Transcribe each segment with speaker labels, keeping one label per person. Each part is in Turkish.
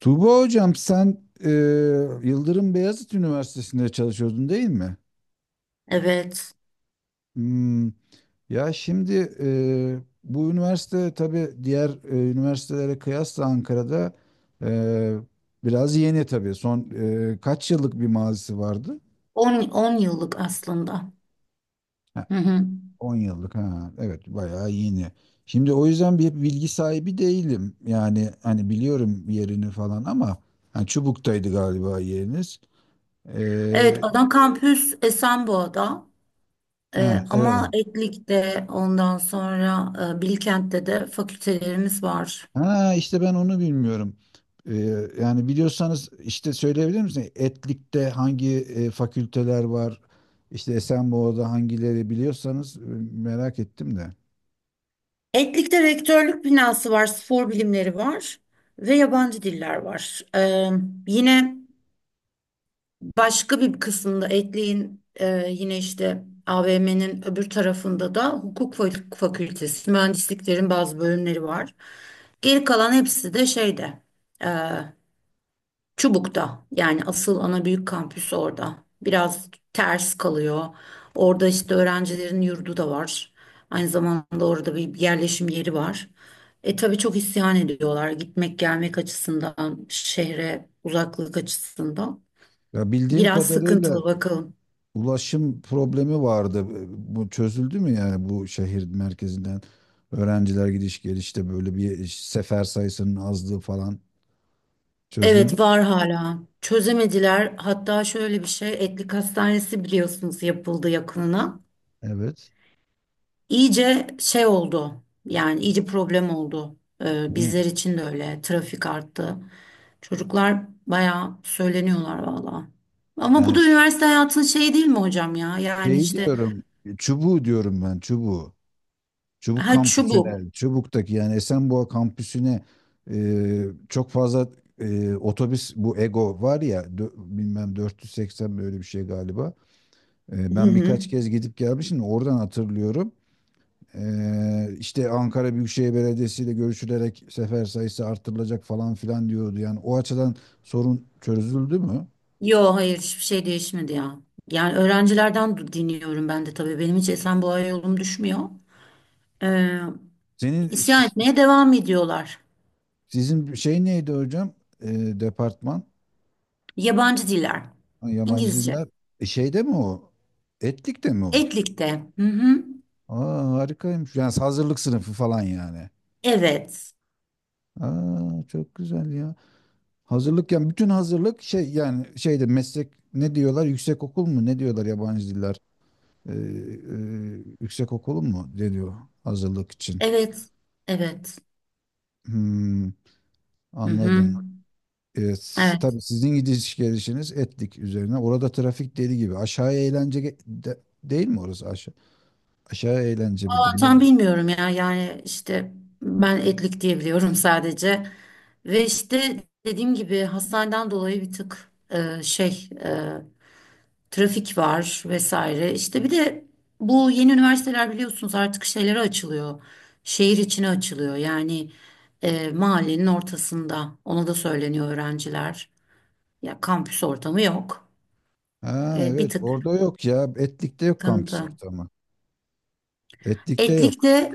Speaker 1: Tuğba hocam sen e, Yıldırım Beyazıt Üniversitesi'nde çalışıyordun değil mi?
Speaker 2: Evet.
Speaker 1: Hmm, Ya şimdi bu üniversite tabii diğer üniversitelere kıyasla Ankara'da e, biraz yeni tabii. Son kaç yıllık bir mazisi vardı?
Speaker 2: On yıllık aslında.
Speaker 1: Ha,
Speaker 2: Hı hı.
Speaker 1: 10 yıllık, ha, evet, bayağı yeni. Şimdi o yüzden bir bilgi sahibi değilim. Yani hani biliyorum yerini falan, ama ha, Çubuk'taydı galiba yeriniz. E,
Speaker 2: Evet, ana kampüs Esenboğa'da.
Speaker 1: ha, evet.
Speaker 2: Ama Etlik'te ondan sonra Bilkent'te de fakültelerimiz var.
Speaker 1: Ha, işte ben onu bilmiyorum. Ee, Yani biliyorsanız işte söyleyebilir misiniz? Etlik'te hangi fakülteler var? İşte Esenboğa'da hangileri biliyorsanız, merak ettim de.
Speaker 2: Etlik'te rektörlük binası var, spor bilimleri var ve yabancı diller var. Yine başka bir kısmında ekleyin, yine işte AVM'nin öbür tarafında da hukuk fakültesi, mühendisliklerin bazı bölümleri var. Geri kalan hepsi de şeyde, e, Çubuk'ta, yani asıl ana büyük kampüs orada. Biraz ters kalıyor. Orada işte öğrencilerin yurdu da var. Aynı zamanda orada bir yerleşim yeri var. Tabii çok isyan ediyorlar gitmek gelmek açısından, şehre uzaklık açısından.
Speaker 1: Ya bildiğim
Speaker 2: Biraz
Speaker 1: kadarıyla
Speaker 2: sıkıntılı bakalım.
Speaker 1: ulaşım problemi vardı. Bu çözüldü mü, yani bu şehir merkezinden öğrenciler gidiş gelişte böyle bir sefer sayısının azlığı falan çözüldü
Speaker 2: Evet,
Speaker 1: mü?
Speaker 2: var hala. Çözemediler. Hatta şöyle bir şey, Etlik Hastanesi biliyorsunuz, yapıldı yakınına.
Speaker 1: Evet.
Speaker 2: İyice şey oldu. Yani iyice problem oldu.
Speaker 1: Niye?
Speaker 2: Bizler için de öyle. Trafik arttı. Çocuklar bayağı söyleniyorlar valla. Ama bu
Speaker 1: Yani
Speaker 2: da
Speaker 1: ş-
Speaker 2: üniversite hayatının şeyi değil mi hocam ya? Yani
Speaker 1: şey
Speaker 2: işte
Speaker 1: diyorum, çubuğu diyorum ben, çubuğu. Çubuk
Speaker 2: ha, şu bu.
Speaker 1: kampüsüne, Çubuk'taki yani Esenboğa kampüsüne, e, çok fazla otobüs, bu Ego var ya, bilmem, 480 böyle bir şey galiba.
Speaker 2: Hı
Speaker 1: Ben
Speaker 2: hı.
Speaker 1: birkaç kez gidip gelmişim, oradan hatırlıyorum. İşte Ankara Büyükşehir Belediyesi ile görüşülerek sefer sayısı artırılacak falan filan diyordu. Yani o açıdan sorun çözüldü mü?
Speaker 2: Yo, hayır, hiçbir şey değişmedi ya. Yani öğrencilerden dinliyorum ben de tabii. Benim hiç Esenboğa yolum düşmüyor. Ee,
Speaker 1: Senin
Speaker 2: isyan etmeye devam ediyorlar.
Speaker 1: sizin şey neydi hocam? E, Departman,
Speaker 2: Yabancı diller.
Speaker 1: yabancı
Speaker 2: İngilizce.
Speaker 1: diller. Şeyde mi o? Etlik'te mi o?
Speaker 2: Etlikte. Hı hı.
Speaker 1: Aa, harikaymış. Yani hazırlık sınıfı falan yani.
Speaker 2: Evet.
Speaker 1: Aa, çok güzel ya. Hazırlık, yani bütün hazırlık şey, yani şeyde, meslek ne diyorlar? Yüksekokul mu? Ne diyorlar yabancı diller? Yüksekokul mu deniyor hazırlık için?
Speaker 2: Evet. Evet.
Speaker 1: Hmm,
Speaker 2: Hı hı.
Speaker 1: Anladım. Evet,
Speaker 2: Evet.
Speaker 1: tabii sizin gidiş gelişiniz etlik üzerine. Orada trafik deli gibi. Aşağıya eğlence değil mi orası aşağı? Aşağıya eğlence
Speaker 2: Ben
Speaker 1: midir
Speaker 2: tam
Speaker 1: nedir?
Speaker 2: bilmiyorum ya. Yani işte ben Etlik diye biliyorum sadece. Ve işte dediğim gibi hastaneden dolayı bir tık şey, trafik var vesaire. İşte bir de bu yeni üniversiteler biliyorsunuz artık şeylere açılıyor. Şehir içine açılıyor. Yani mahallenin ortasında. Ona da söyleniyor öğrenciler. Ya kampüs ortamı yok.
Speaker 1: Ha,
Speaker 2: Bir
Speaker 1: evet,
Speaker 2: tık
Speaker 1: orada yok ya. Etlik'te yok kampüs
Speaker 2: sıkıntı.
Speaker 1: ortamı. Etlik'te
Speaker 2: Etlik
Speaker 1: yok.
Speaker 2: de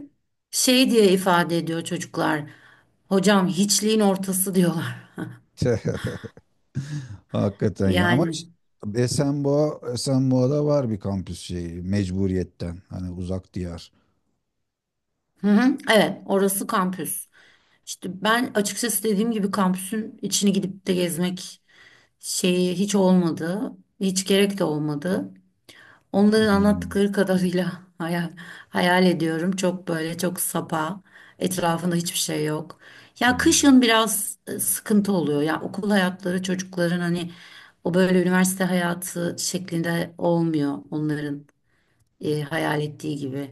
Speaker 2: şey diye ifade ediyor çocuklar. Hocam, hiçliğin ortası diyorlar.
Speaker 1: Hakikaten ya. Ama
Speaker 2: Yani,
Speaker 1: işte Esenboğa'da var bir kampüs şeyi mecburiyetten. Hani uzak diyar.
Speaker 2: hı hı, evet, orası kampüs. İşte ben açıkçası dediğim gibi kampüsün içini gidip de gezmek şeyi hiç olmadı. Hiç gerek de olmadı. Onların
Speaker 1: Hmm,
Speaker 2: anlattıkları kadarıyla hayal, hayal ediyorum. Çok böyle, çok sapa. Etrafında hiçbir şey yok. Ya
Speaker 1: hmm.
Speaker 2: kışın biraz sıkıntı oluyor. Ya okul hayatları çocukların, hani o böyle üniversite hayatı şeklinde olmuyor onların hayal ettiği gibi.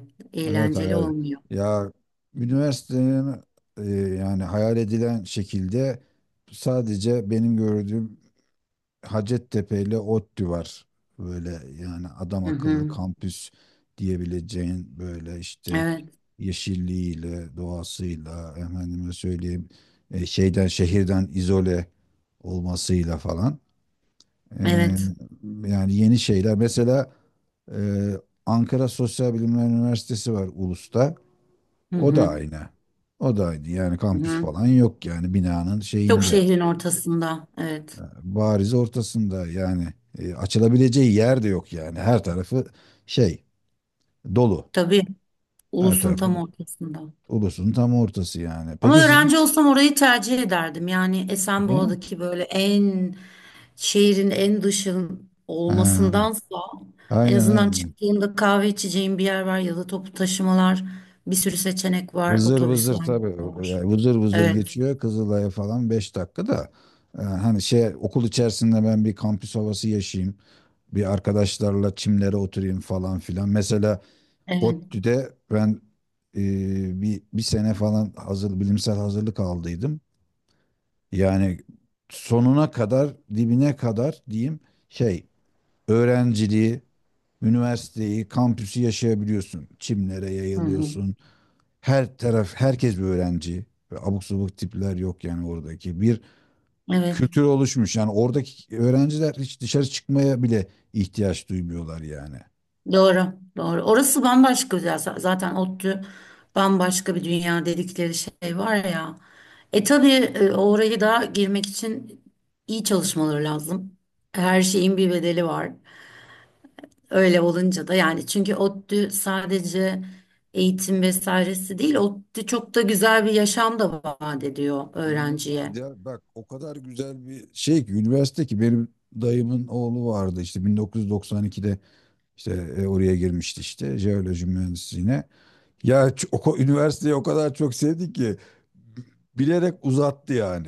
Speaker 1: Evet,
Speaker 2: Eğlenceli
Speaker 1: hayal.
Speaker 2: olmuyor.
Speaker 1: Ya üniversitenin, e, yani hayal edilen şekilde sadece benim gördüğüm Hacettepe ile ODTÜ var. Böyle, yani adam
Speaker 2: Hı
Speaker 1: akıllı
Speaker 2: hı.
Speaker 1: kampüs diyebileceğin, böyle işte
Speaker 2: Evet.
Speaker 1: yeşilliğiyle, doğasıyla, efendime söyleyeyim, şeyden, şehirden izole olmasıyla falan.
Speaker 2: Evet.
Speaker 1: E, Yani yeni şeyler. Mesela e, Ankara Sosyal Bilimler Üniversitesi var Ulus'ta.
Speaker 2: Hı
Speaker 1: O da
Speaker 2: hı.
Speaker 1: aynı. O da aynı. Yani
Speaker 2: Hı
Speaker 1: kampüs
Speaker 2: hı.
Speaker 1: falan yok, yani binanın
Speaker 2: Çok, yani
Speaker 1: şeyinde
Speaker 2: şehrin ortasında. Evet.
Speaker 1: bariz ortasında, yani açılabileceği yer de yok, yani her tarafı şey dolu,
Speaker 2: Tabii.
Speaker 1: her
Speaker 2: Ulus'un
Speaker 1: tarafı
Speaker 2: tam ortasında.
Speaker 1: ulusun tam ortası, yani
Speaker 2: Ama
Speaker 1: peki siz
Speaker 2: öğrenci olsam orayı tercih ederdim. Yani
Speaker 1: ne?
Speaker 2: Esenboğa'daki böyle en, şehrin en dışın
Speaker 1: Ha,
Speaker 2: olmasındansa en
Speaker 1: aynen,
Speaker 2: azından
Speaker 1: aynen.
Speaker 2: çıktığımda kahve içeceğim bir yer var ya da toplu taşımalar, bir sürü seçenek var.
Speaker 1: Vızır
Speaker 2: Otobüs
Speaker 1: vızır,
Speaker 2: var.
Speaker 1: tabii,
Speaker 2: Metro var.
Speaker 1: yani vızır vızır
Speaker 2: Evet.
Speaker 1: geçiyor Kızılay'a falan, 5 dakika da hani şey, okul içerisinde ben bir kampüs havası yaşayayım, bir arkadaşlarla çimlere oturayım falan filan, mesela.
Speaker 2: Evet.
Speaker 1: ODTÜ'de ben e, bir sene falan hazır, bilimsel hazırlık aldıydım. Yani sonuna kadar, dibine kadar diyeyim, şey, öğrenciliği, üniversiteyi, kampüsü yaşayabiliyorsun. Çimlere
Speaker 2: Hı hı.
Speaker 1: yayılıyorsun. Her taraf, herkes bir öğrenci. Ve abuk subuk tipler yok yani oradaki. Bir
Speaker 2: Evet.
Speaker 1: kültür oluşmuş. Yani oradaki öğrenciler hiç dışarı çıkmaya bile ihtiyaç duymuyorlar yani.
Speaker 2: Doğru, doğru. Orası bambaşka güzel. Zaten ODTÜ bambaşka bir dünya dedikleri şey var ya. Tabii, oraya da girmek için iyi çalışmaları lazım. Her şeyin bir bedeli var. Öyle olunca da, yani çünkü ODTÜ sadece eğitim vesairesi değil, ODTÜ çok da güzel bir yaşam da vaat ediyor öğrenciye.
Speaker 1: İnanılmaz ya. Bak, o kadar güzel bir şey ki üniversite ki, benim dayımın oğlu vardı işte 1992'de. İşte oraya girmişti, işte jeoloji mühendisliğine. Ya üniversiteyi o kadar çok sevdi ki bilerek uzattı yani.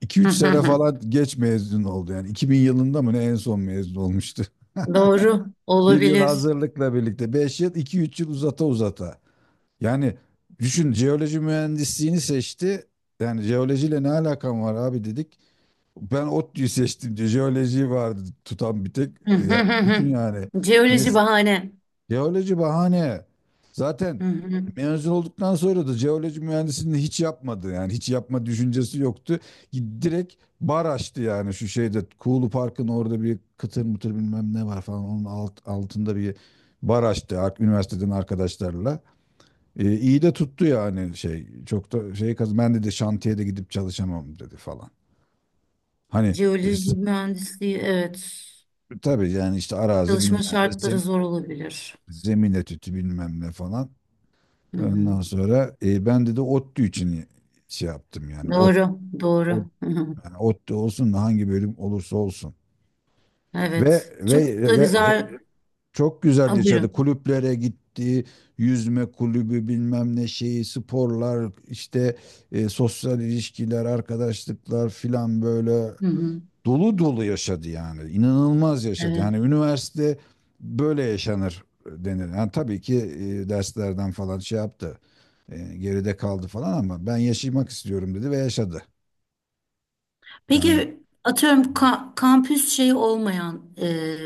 Speaker 1: 2 üç sene falan geç mezun oldu yani. 2000 yılında mı ne en son mezun olmuştu.
Speaker 2: Doğru,
Speaker 1: Bir yıl
Speaker 2: olabilir.
Speaker 1: hazırlıkla birlikte 5 yıl, iki üç yıl uzata uzata. Yani düşün, jeoloji mühendisliğini seçti. Yani jeolojiyle ne alakam var abi, dedik. Ben ODTÜ'yü seçtim diye jeolojiyi vardı tutan, bir tek. Yani düşün yani.
Speaker 2: Jeoloji bahane.
Speaker 1: Jeoloji bahane. Zaten mezun olduktan sonra da jeoloji mühendisliğini hiç yapmadı. Yani hiç yapma düşüncesi yoktu. Direkt bar açtı yani, şu şeyde, Kuğulu Park'ın orada bir kıtır mıtır bilmem ne var falan. Onun altında bir bar açtı, üniversiteden arkadaşlarla. İyi de tuttu yani, şey. Çok da şey, kaz ben dedi, şantiyede gidip çalışamam dedi falan. Hani
Speaker 2: Jeoloji mühendisliği, evet.
Speaker 1: tabii yani, işte arazi
Speaker 2: Çalışma
Speaker 1: bilmem ne
Speaker 2: şartları zor olabilir.
Speaker 1: zemin etüdü bilmem ne falan.
Speaker 2: Hı hı.
Speaker 1: Ondan sonra ben de ODTÜ için şey yaptım yani.
Speaker 2: Doğru, doğru.
Speaker 1: Ot,
Speaker 2: Hı hı.
Speaker 1: yani ODTÜ olsun da hangi bölüm olursa olsun. Ve
Speaker 2: Evet. Çok
Speaker 1: ve
Speaker 2: da
Speaker 1: ge-
Speaker 2: güzel.
Speaker 1: çok güzel
Speaker 2: Ha, buyurun.
Speaker 1: yaşadı. Kulüplere gitti. Yüzme kulübü bilmem ne, şeyi, sporlar, işte sosyal ilişkiler, arkadaşlıklar filan, böyle
Speaker 2: Hı hı.
Speaker 1: dolu dolu yaşadı yani. İnanılmaz yaşadı.
Speaker 2: Evet.
Speaker 1: Yani üniversite böyle yaşanır denir. Yani tabii ki derslerden falan şey yaptı, geride kaldı falan, ama ben yaşamak istiyorum dedi ve yaşadı. Yani,
Speaker 2: Peki, atıyorum kampüs şeyi olmayan,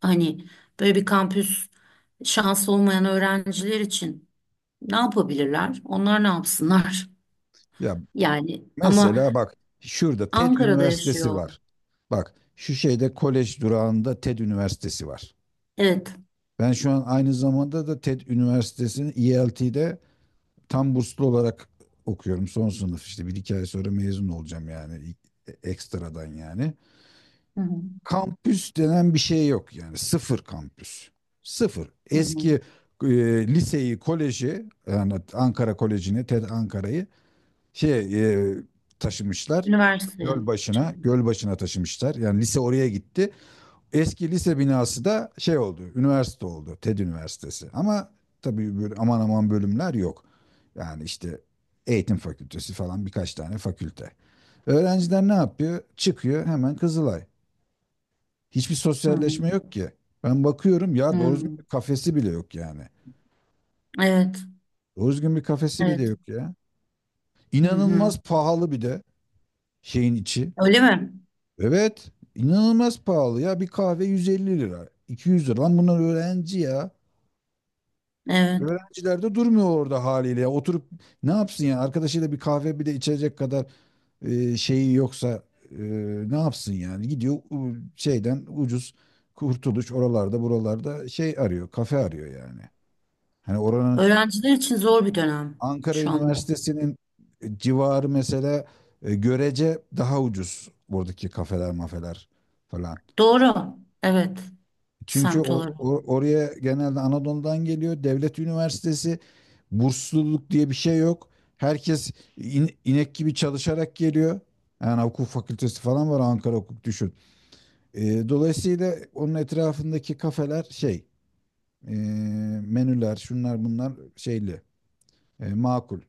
Speaker 2: hani böyle bir kampüs şansı olmayan öğrenciler için ne yapabilirler? Onlar ne yapsınlar?
Speaker 1: ya
Speaker 2: Yani ama
Speaker 1: mesela bak, şurada TED
Speaker 2: Ankara'da
Speaker 1: Üniversitesi
Speaker 2: yaşıyor.
Speaker 1: var. Bak şu şeyde, kolej durağında, TED Üniversitesi var.
Speaker 2: Evet.
Speaker 1: Ben şu an aynı zamanda da TED Üniversitesi'nin ELT'de tam burslu olarak okuyorum. Son sınıf, işte bir iki ay sonra mezun olacağım yani, ekstradan yani.
Speaker 2: Hı hı.
Speaker 1: Kampüs denen bir şey yok yani, sıfır kampüs. Sıfır.
Speaker 2: Hı hı.
Speaker 1: Eski e, liseyi, koleji, yani Ankara Koleji'ni, TED Ankara'yı, şey, e, taşımışlar.
Speaker 2: Üniversite.
Speaker 1: Gölbaşı'na, Gölbaşı'na taşımışlar. Yani lise oraya gitti. Eski lise binası da şey oldu, üniversite oldu. TED Üniversitesi. Ama tabii böyle aman aman bölümler yok. Yani işte eğitim fakültesi falan, birkaç tane fakülte. Öğrenciler ne yapıyor? Çıkıyor hemen Kızılay. Hiçbir
Speaker 2: Hı hı.
Speaker 1: sosyalleşme yok ki. Ben bakıyorum ya, doğru düzgün
Speaker 2: Hmm,
Speaker 1: bir kafesi bile yok yani.
Speaker 2: evet,
Speaker 1: Doğru düzgün bir kafesi bile
Speaker 2: evet.
Speaker 1: yok ya.
Speaker 2: Hı hı.
Speaker 1: İnanılmaz pahalı bir de şeyin içi.
Speaker 2: Öyle mi?
Speaker 1: Evet, inanılmaz pahalı ya. Bir kahve 150 lira, 200 lira. Lan bunlar öğrenci ya.
Speaker 2: Evet.
Speaker 1: Öğrenciler de durmuyor orada haliyle ya. Oturup ne yapsın ya? Arkadaşıyla bir kahve bir de içecek kadar şeyi yoksa, e, ne yapsın yani? Gidiyor şeyden ucuz, kurtuluş oralarda buralarda şey arıyor, kafe arıyor yani. Hani oranın,
Speaker 2: Öğrenciler için zor bir dönem
Speaker 1: Ankara
Speaker 2: şu anda.
Speaker 1: Üniversitesi'nin civarı mesela, görece daha ucuz buradaki kafeler mafeler falan.
Speaker 2: Doğru. Evet.
Speaker 1: Çünkü
Speaker 2: Semt olarak.
Speaker 1: oraya genelde Anadolu'dan geliyor. Devlet üniversitesi, bursluluk diye bir şey yok. Herkes inek gibi çalışarak geliyor. Yani hukuk fakültesi falan var, Ankara Hukuk, düşün. Dolayısıyla onun etrafındaki kafeler, şey, e, menüler, şunlar bunlar, şeyli, makul.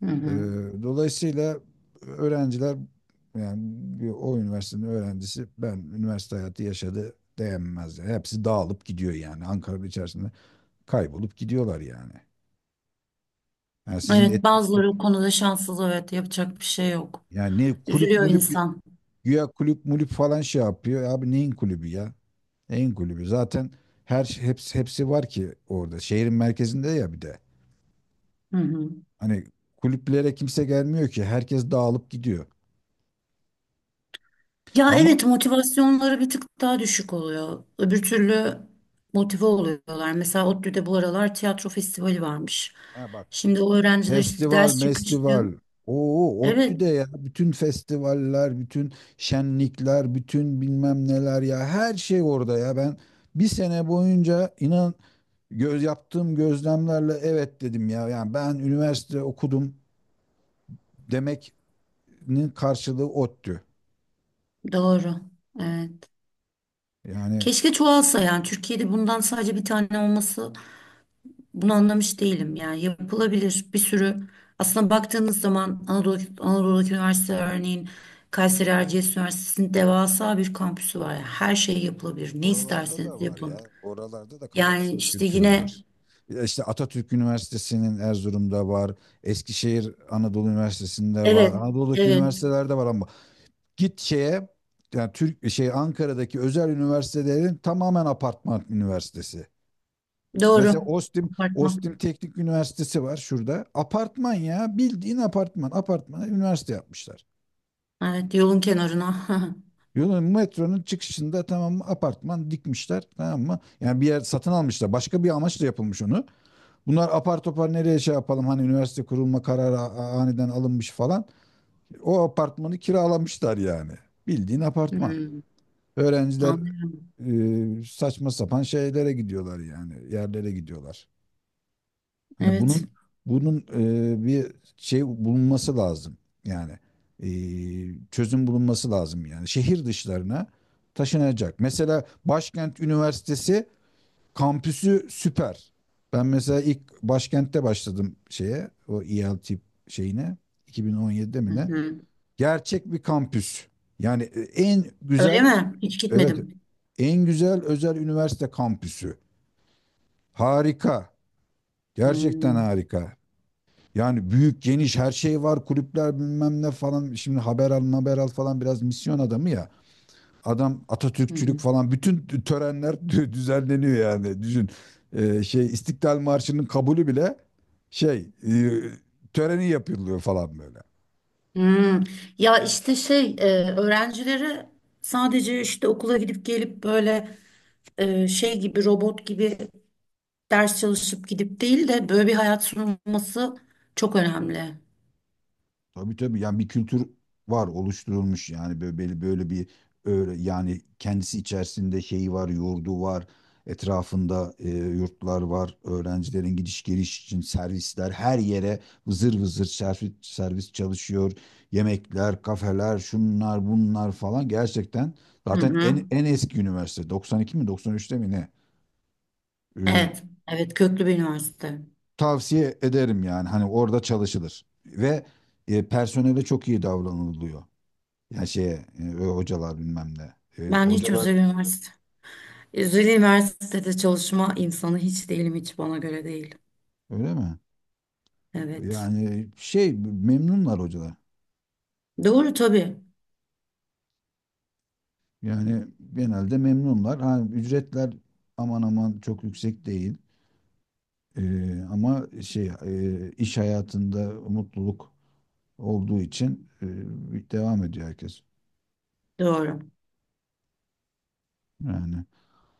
Speaker 2: Hı
Speaker 1: Ee,
Speaker 2: hı.
Speaker 1: Dolayısıyla öğrenciler yani, o üniversitenin öğrencisi, ben üniversite hayatı yaşadı diyemez yani. Hepsi dağılıp gidiyor yani, Ankara'nın içerisinde kaybolup gidiyorlar yani. Yani
Speaker 2: Evet,
Speaker 1: et-
Speaker 2: bazıları o konuda şanssız. Evet, yapacak bir şey yok.
Speaker 1: ne kulüp
Speaker 2: Üzülüyor
Speaker 1: mulüp,
Speaker 2: insan.
Speaker 1: güya kulüp mulüp falan şey yapıyor. Abi, neyin kulübü ya? Neyin kulübü? Zaten hepsi hepsi var ki orada. Şehrin merkezinde ya bir de.
Speaker 2: Hı hı.
Speaker 1: Hani kulüplere kimse gelmiyor ki. Herkes dağılıp gidiyor.
Speaker 2: Ya
Speaker 1: Ama
Speaker 2: evet, motivasyonları bir tık daha düşük oluyor. Öbür türlü motive oluyorlar. Mesela ODTÜ'de bu aralar tiyatro festivali varmış.
Speaker 1: ha, bak,
Speaker 2: Şimdi o öğrenciler işte
Speaker 1: festival,
Speaker 2: ders çıkışı.
Speaker 1: mestival. Oo,
Speaker 2: Evet,
Speaker 1: ODTÜ'de ya, bütün festivaller, bütün şenlikler, bütün bilmem neler ya, her şey orada ya. Ben bir sene boyunca, inan, yaptığım gözlemlerle evet dedim ya. Yani ben üniversite okudum demek'nin karşılığı ODTÜ.
Speaker 2: doğru. Evet.
Speaker 1: Yani
Speaker 2: Keşke çoğalsa, yani Türkiye'de bundan sadece bir tane olması, bunu anlamış değilim. Yani yapılabilir bir sürü, aslında baktığınız zaman Anadolu'daki üniversite, örneğin Kayseri Erciyes Üniversitesi'nin devasa bir kampüsü var ya, her şey yapılabilir, ne
Speaker 1: oralarda da
Speaker 2: isterseniz
Speaker 1: var
Speaker 2: yapın.
Speaker 1: ya. Oralarda da kampüs
Speaker 2: Yani işte
Speaker 1: kültürü
Speaker 2: yine.
Speaker 1: var. Ya İşte Atatürk Üniversitesi'nin Erzurum'da var. Eskişehir Anadolu Üniversitesi'nde var.
Speaker 2: Evet,
Speaker 1: Anadolu'daki
Speaker 2: evet.
Speaker 1: üniversitelerde var, ama git şeye, yani Türk şey, Ankara'daki özel üniversitelerin tamamen apartman üniversitesi.
Speaker 2: Doğru.
Speaker 1: Mesela Ostim
Speaker 2: Apartman.
Speaker 1: Teknik Üniversitesi var şurada. Apartman ya, bildiğin apartman. Apartmana üniversite yapmışlar.
Speaker 2: Evet, yolun kenarına.
Speaker 1: Yolun, metronun çıkışında, tamam mı, apartman dikmişler, tamam mı? Yani bir yer satın almışlar. Başka bir amaçla yapılmış onu. Bunlar apar topar, nereye şey yapalım, hani üniversite kurulma kararı aniden alınmış falan. O apartmanı kiralamışlar yani. Bildiğin apartman.
Speaker 2: Hmm,
Speaker 1: Öğrenciler
Speaker 2: anlıyorum.
Speaker 1: saçma sapan şeylere gidiyorlar yani, yerlere gidiyorlar. Hani
Speaker 2: Evet.
Speaker 1: bunun, bunun bir şey bulunması lazım, yani e, çözüm bulunması lazım, yani şehir dışlarına taşınacak. Mesela Başkent Üniversitesi kampüsü süper. Ben mesela ilk başkentte başladım şeye, o ELT şeyine, 2017'de
Speaker 2: Hı
Speaker 1: mi ne?
Speaker 2: hı.
Speaker 1: Gerçek bir kampüs. Yani en
Speaker 2: Öyle
Speaker 1: güzel.
Speaker 2: mi? Hiç
Speaker 1: Evet.
Speaker 2: gitmedim.
Speaker 1: En güzel özel üniversite kampüsü. Harika. Gerçekten
Speaker 2: Hmm,
Speaker 1: harika. Yani büyük, geniş, her şey var. Kulüpler bilmem ne falan. Şimdi haber al, haber al falan, biraz misyon adamı ya. Adam
Speaker 2: hı
Speaker 1: Atatürkçülük
Speaker 2: hı.
Speaker 1: falan. Bütün törenler düzenleniyor yani. Düşün. Şey, İstiklal Marşı'nın kabulü bile şey, e, töreni yapılıyor falan böyle.
Speaker 2: Hmm. Ya işte şey, öğrencilere sadece işte okula gidip gelip böyle, şey gibi, robot gibi ders çalışıp gidip değil de böyle bir hayat sunulması çok önemli.
Speaker 1: Tabii tabii yani, bir kültür var, oluşturulmuş yani, böyle böyle bir, öyle yani, kendisi içerisinde şeyi var, yurdu var, etrafında yurtlar var, öğrencilerin gidiş geliş için servisler her yere vızır vızır, servis, servis çalışıyor, yemekler, kafeler, şunlar bunlar falan, gerçekten,
Speaker 2: Hı
Speaker 1: zaten
Speaker 2: hı.
Speaker 1: en eski üniversite, 92 mi, 93'te mi ne? Ee,
Speaker 2: Evet, evet, köklü bir üniversite.
Speaker 1: Tavsiye ederim yani, hani orada çalışılır ve personele çok iyi davranılıyor. Ya şeye hocalar bilmem ne.
Speaker 2: Ben hiç
Speaker 1: Hocalar
Speaker 2: özel üniversitede çalışma insanı hiç değilim, hiç bana göre değil.
Speaker 1: öyle mi?
Speaker 2: Evet.
Speaker 1: Yani şey, memnunlar hocalar.
Speaker 2: Doğru tabii,
Speaker 1: Yani genelde memnunlar. Ha, ücretler aman aman çok yüksek değil. E, Ama şey, iş hayatında mutluluk olduğu için devam ediyor herkes.
Speaker 2: doğru.
Speaker 1: Yani.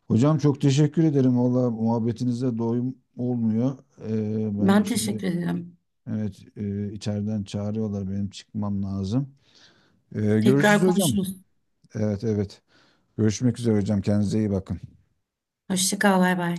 Speaker 1: Hocam çok teşekkür ederim. Valla muhabbetinize doyum olmuyor. Ben
Speaker 2: Ben
Speaker 1: şimdi,
Speaker 2: teşekkür ederim.
Speaker 1: evet, içeriden çağırıyorlar. Benim çıkmam lazım. Görüşürüz
Speaker 2: Tekrar
Speaker 1: hocam.
Speaker 2: konuşuruz.
Speaker 1: Evet, evet. Görüşmek üzere hocam. Kendinize iyi bakın.
Speaker 2: Hoşça kal, bay bay.